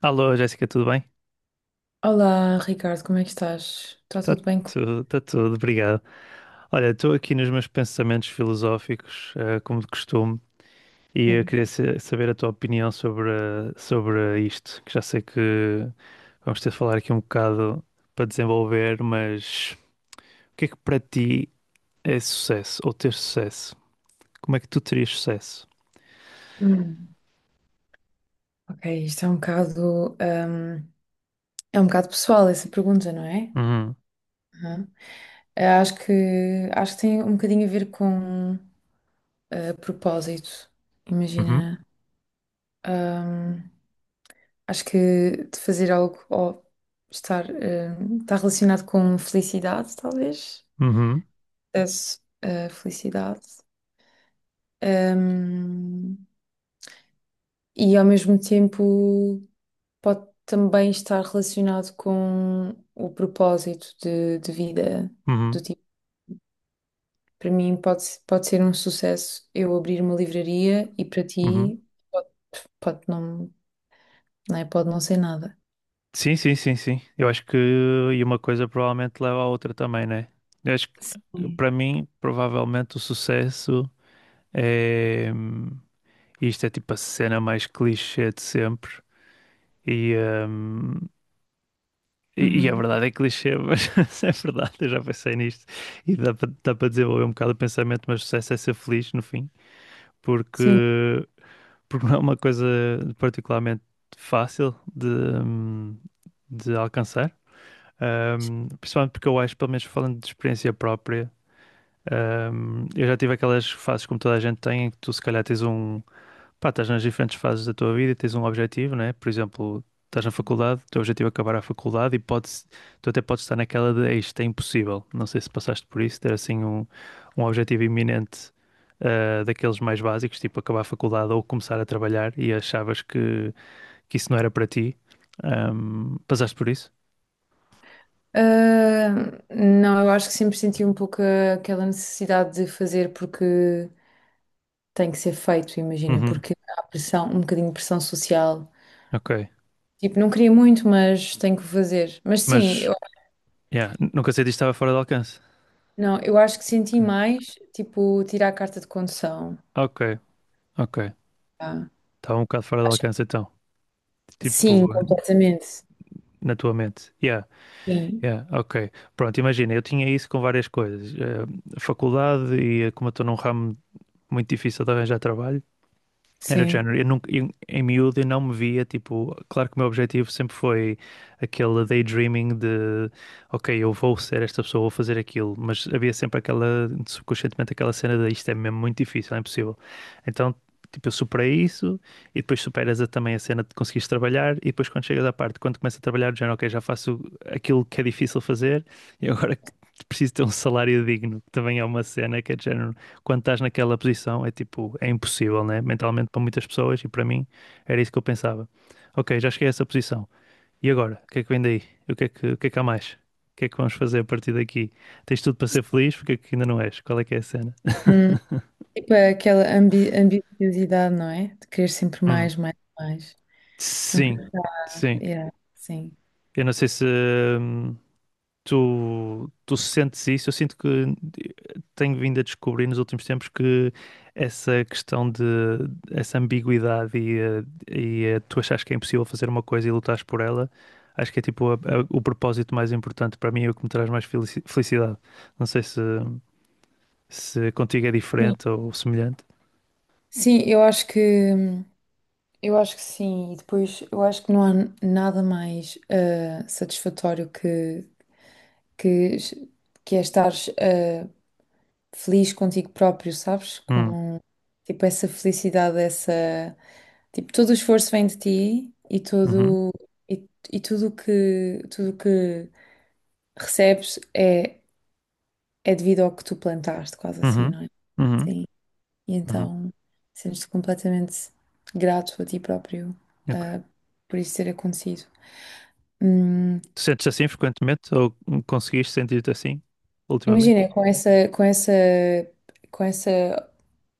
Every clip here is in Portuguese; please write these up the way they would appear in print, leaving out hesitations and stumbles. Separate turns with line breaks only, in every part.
Alô, Jéssica, tudo bem?
Olá, Ricardo, como é que estás? Está
Tá
tudo bem com...
tá tudo, obrigado. Olha, estou aqui nos meus pensamentos filosóficos, como de costume, e eu
Sim.
queria saber a tua opinião sobre isto, que já sei que vamos ter de falar aqui um bocado para desenvolver. Mas o que é que para ti é sucesso, ou ter sucesso? Como é que tu terias sucesso?
Hum. Ok, isto é um bocado pessoal essa pergunta, não é?
Uhum,
Aham. Acho que tem um bocadinho a ver com propósito.
uhum,
Imagina, hum, acho que de fazer algo ou estar, está relacionado com felicidade, talvez.
uhum,
Sucesso, felicidade. Hum, e ao mesmo tempo. Pode também estar relacionado com o propósito de vida.
uhum,
Do tipo, para mim pode, pode ser um sucesso eu abrir uma livraria e para
uhum.
ti pode, pode não, não é? Pode não ser nada.
Sim, sim, sim, sim. Eu acho que e uma coisa provavelmente leva à outra também, né? Eu acho que
Sim.
para mim, provavelmente o sucesso é isto é tipo a cena mais clichê de sempre. E, hum, e a
Uhum.
verdade é clichê, mas é verdade, eu já pensei nisto. E dá para desenvolver um bocado o pensamento, mas o sucesso é ser feliz no fim, porque,
Sim.
porque não é uma coisa particularmente fácil de alcançar. Principalmente porque eu acho, pelo menos falando de experiência própria, eu já tive aquelas fases como toda a gente tem, em que tu se calhar tens um. Pá, estás nas diferentes fases da tua vida e tens um objetivo, né? Por exemplo, estás na faculdade, o teu objetivo é acabar a faculdade e podes, tu até podes estar naquela de "Ei, isto é impossível". Não sei se passaste por isso, ter assim um, um objetivo iminente daqueles mais básicos, tipo acabar a faculdade ou começar a trabalhar e achavas que isso não era para ti. Passaste por isso?
Ah, não, eu acho que sempre senti um pouco aquela necessidade de fazer porque tem que ser feito, imagina,
Uhum,
porque há pressão, um bocadinho de pressão social.
ok.
Tipo, não queria muito, mas tenho que fazer. Mas sim.
Mas yeah, nunca sei disto estava fora de alcance.
Não, eu acho que senti mais, tipo, tirar a carta de condução.
Ok, ok. Ok.
Ah,
Estava um bocado fora de
acho-
alcance então. Tipo,
Sim, completamente.
na tua mente. Yeah,
Sim,
yeah, ok. Pronto, imagina, eu tinha isso com várias coisas. Faculdade e como eu estou num ramo muito difícil de arranjar trabalho, era de
sim.
género. Eu nunca, em miúdo eu não me via, tipo, claro que o meu objetivo sempre foi aquele daydreaming de, ok, eu vou ser esta pessoa, vou fazer aquilo, mas havia sempre aquela, subconscientemente aquela cena de isto é mesmo muito difícil, é impossível. Então, tipo, eu superei isso e depois superas também a cena de conseguires trabalhar e depois quando chegas à parte, quando começas a trabalhar, do género, ok, já faço aquilo que é difícil fazer e agora preciso ter um salário digno, que também é uma cena que é de género quando estás naquela posição, é tipo, é impossível, né? Mentalmente para muitas pessoas e para mim era isso que eu pensava. Ok, já cheguei a essa posição. E agora? O que é que vem daí? O que é que, o que é que há mais? O que é que vamos fazer a partir daqui? Tens tudo para ser feliz? Porque é que ainda não és? Qual é que é a cena?
Hum, tipo, é aquela ambiciosidade, não é? De querer sempre
Hum.
mais, mais, mais. Nunca
Sim,
acaba.
sim.
Yeah, sim.
Eu não sei se, hum, tu, tu sentes isso? Eu sinto que tenho vindo a descobrir nos últimos tempos que essa questão de essa ambiguidade e tu achas que é impossível fazer uma coisa e lutares por ela, acho que é tipo o propósito mais importante para mim e o que me traz mais felicidade. Não sei se, se contigo é
Sim,
diferente ou semelhante.
Sim, eu acho que sim. E depois eu acho que não há nada mais satisfatório que, que é estar feliz contigo próprio, sabes?
Hum,
Com tipo essa felicidade, essa tipo todo o esforço vem de ti e
uhum,
todo e, e tudo o que recebes é é devido ao que tu plantaste, quase assim,
uhum,
não é?
uhum,
Sim. E
uhum,
então sentes-te completamente grato a ti próprio,
ok.
ah, por isso ter acontecido. Hum.
Tu sentes assim frequentemente ou conseguiste sentir-te assim ultimamente?
Imagina, com esse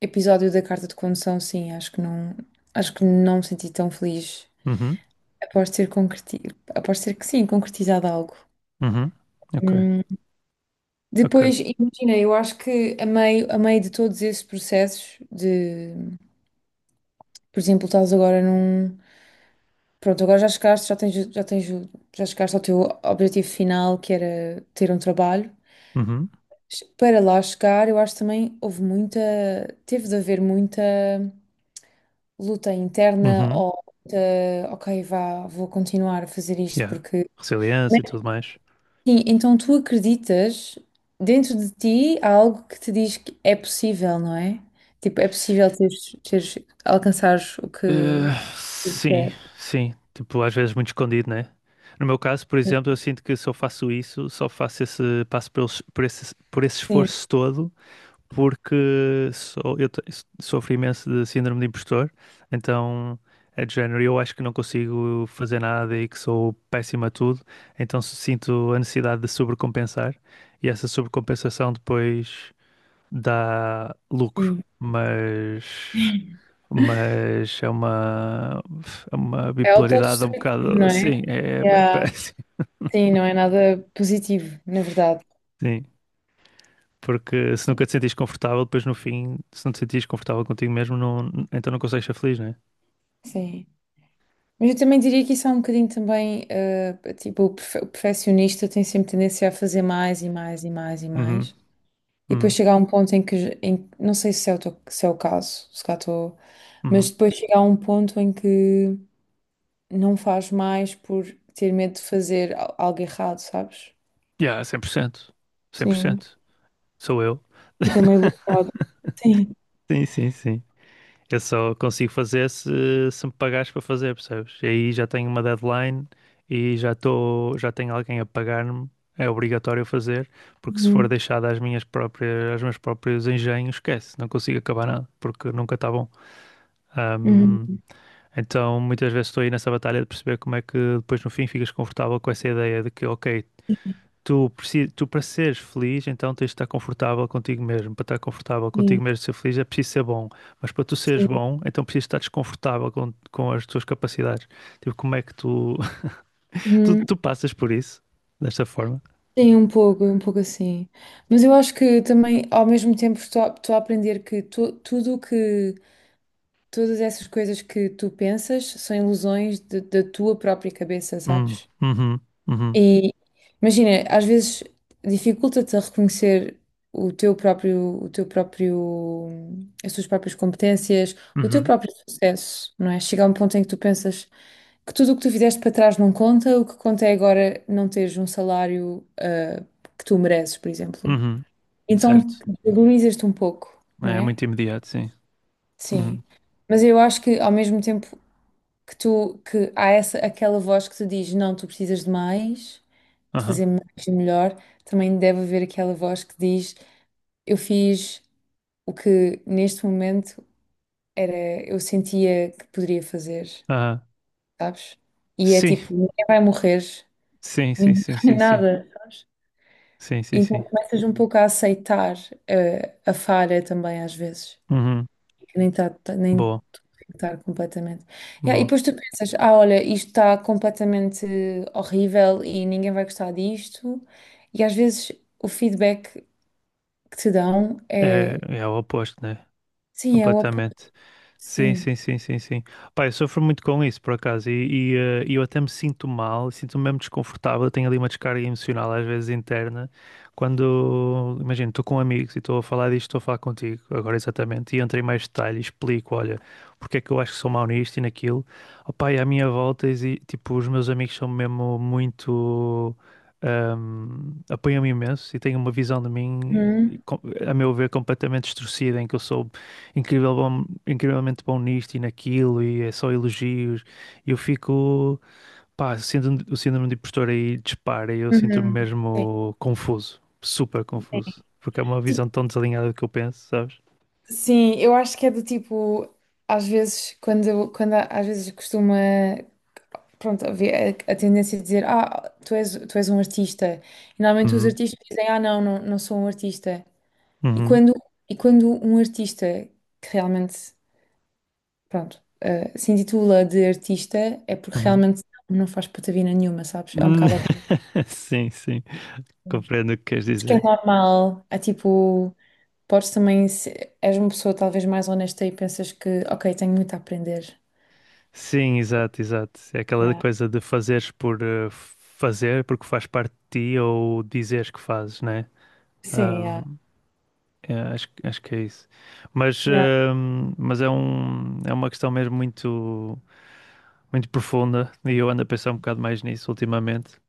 episódio da carta de condução, sim, acho que não me senti tão feliz.
Uhum,
Após ter concreti, após ter que sim, concretizado algo.
uhum, ok.
Hum.
Ok.
Depois, imagina, eu acho que a meio de todos esses processos de, por exemplo, estás agora num, pronto, agora já chegaste, já chegaste ao teu objetivo final, que era ter um trabalho.
Uhum.
Para lá chegar, eu acho também teve de haver muita luta interna
Uhum.
ou luta, ok, vá, vou continuar a fazer isto
Yeah.
porque.
Resiliência e
Mas,
tudo mais.
sim, então tu acreditas, dentro de ti há algo que te diz que é possível, não é? Tipo, é possível alcançares o que
Sim,
queres.
sim. Tipo, às vezes muito escondido, né? No meu caso, por exemplo, eu sinto que se eu faço isso, só faço esse passo por esse
Sim,
esforço todo, porque sou, sofro imenso de síndrome de impostor, então é de género, eu acho que não consigo fazer nada e que sou péssimo a tudo, então sinto a necessidade de sobrecompensar, e essa sobrecompensação depois dá lucro,
sim.
mas é uma
É
bipolaridade um
autodestrutivo,
bocado
não é?
assim, é
Yeah.
péssimo.
Sim, não é nada positivo, na verdade.
Sim, porque se nunca te sentires confortável, depois no fim, se não te sentires confortável contigo mesmo, não, então não consegues ser feliz, não é?
Sim. Mas eu também diria que isso é um bocadinho também, tipo, o perfeccionista tem sempre tendência a fazer mais e mais e mais e
Uhum,
mais. E depois
uhum,
chegar a um ponto em que, não sei se é se é o caso, se cá estou, mas
uhum.
depois chegar a um ponto em que não faz mais por ter medo de fazer algo errado, sabes?
Yeah, 100% cem por
Sim.
cento. Sou eu.
Fica meio bloqueado. Sim.
Sim, sim, sim. Eu só consigo fazer se, se me pagares para fazer, percebes? E aí já tenho uma deadline e já estou, já tenho alguém a pagar-me, é obrigatório fazer, porque se for
Uhum.
deixado às minhas próprias, aos meus próprios engenhos, esquece, não consigo acabar nada, porque nunca está bom. Ahm,
Uhum.
então muitas vezes estou aí nessa batalha de perceber como é que depois no fim ficas confortável com essa ideia de que, ok, tu para seres feliz, então tens de estar confortável contigo mesmo. Para estar confortável contigo
Sim.
mesmo, e ser feliz, é preciso ser bom. Mas para tu seres
Sim.
bom, então precisas estar desconfortável com, as tuas capacidades. Tipo, como é que tu, tu,
Uhum.
tu passas por isso desta forma?
Sim, um pouco assim. Mas eu acho que também, ao mesmo tempo, estou a aprender que tudo o que, todas essas coisas que tu pensas são ilusões da tua própria cabeça, sabes?
Uhum, uhum,
E imagina, às vezes dificulta-te a reconhecer o teu próprio, o teu próprio, as tuas próprias competências, o teu
uhum,
próprio sucesso, não é? Chega a um ponto em que tu pensas que tudo o que tu fizeste para trás não conta, o que conta é agora não teres um salário, que tu mereces, por exemplo.
uhum. Certo.
Então, valorizas-te um pouco, não
É,
é?
muito imediato, sim. Uhum,
Sim. Mas eu acho que ao mesmo tempo que tu, que há essa, aquela voz que te diz, não, tu precisas de mais de
aham,
fazer mais e melhor, também deve haver aquela voz que diz: eu fiz o que neste momento era, eu sentia que poderia fazer,
aham.
sabes? E é
Sim,
tipo: ninguém vai morrer,
sim, sim,
ninguém
sim,
vai
sim, sim.
nada, sabes?
Sim, sim,
Então
sim.
começas um pouco a aceitar falha também, às vezes,
Uhum.
que nem está nem tudo
Boa,
tem que estar completamente. Yeah, e
boa.
depois tu pensas, ah, olha, isto está completamente horrível e ninguém vai gostar disto. E às vezes o feedback que te dão
É,
é.
é o oposto, né?
Sim, é o apoio,
Completamente. Sim,
sim.
sim, sim, sim, sim. Pá, eu sofro muito com isso, por acaso, e eu até me sinto mal, sinto-me mesmo desconfortável, tenho ali uma descarga emocional, às vezes interna, quando, imagino, estou com amigos e estou a falar disto, estou a falar contigo, agora exatamente, e entro em mais detalhe e explico, olha, porque é que eu acho que sou mau nisto e naquilo. Opá, e à minha volta, tipo, os meus amigos são mesmo muito... apoiam-me imenso e têm uma visão de mim,
Uhum.
com- a meu ver, completamente distorcida, em que eu sou incrivelmente bom nisto e naquilo, e é só elogios. E eu fico, pá, sendo o síndrome de impostor aí dispara, e eu sinto-me
Uhum. Sim.
mesmo confuso, super confuso, porque é uma
Tipo,
visão tão desalinhada do que eu penso, sabes?
sim, eu acho que é do tipo, às vezes, quando às vezes costuma, pronto, haver a tendência de dizer, ah, tu és um artista. E normalmente os
Uhum,
artistas dizem, ah, não, não sou um artista. E
uhum,
quando, e quando um artista que realmente, pronto, se intitula de artista, é porque
uhum.
realmente não faz patavina nenhuma, sabes? É um
Hum.
bocado ao contrário.
Sim, sim, compreendo o que queres
Acho que é
dizer.
normal, é tipo. Podes também, se és uma pessoa talvez mais honesta e pensas que, ok, tenho muito a aprender.
Sim, exato, exato. É aquela
Yeah.
coisa de fazeres por fazer, porque faz parte de ti, ou dizeres que fazes, né?
Sim, yeah.
É, acho, acho que é isso. Mas,
Yeah.
hum, mas é um, é uma questão mesmo muito, muito profunda e eu ando a pensar um bocado mais nisso ultimamente.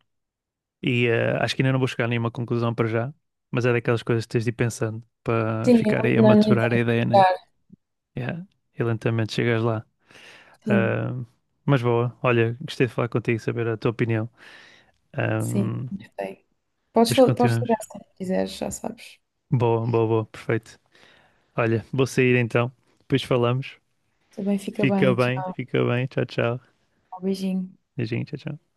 E acho que ainda não vou chegar a nenhuma conclusão para já, mas é daquelas coisas que tens de ir pensando para
Sim,
ficar aí a
não, não, nem tenho
maturar a
que
ideia, né?
ficar.
Yeah. E lentamente chegas lá.
Sim,
Ahm, mas boa, olha, gostei de falar contigo, saber a tua opinião.
sim,
Ahm,
gostei. Podes,
depois
podes
continuamos.
ligar se quiseres, já sabes.
Boa, boa, boa, perfeito. Olha, vou sair então, depois falamos.
Também fica
Fica
bem.
bem,
Tchau,
fica bem. Tchau, tchau.
beijinho.
Beijinho, tchau, tchau.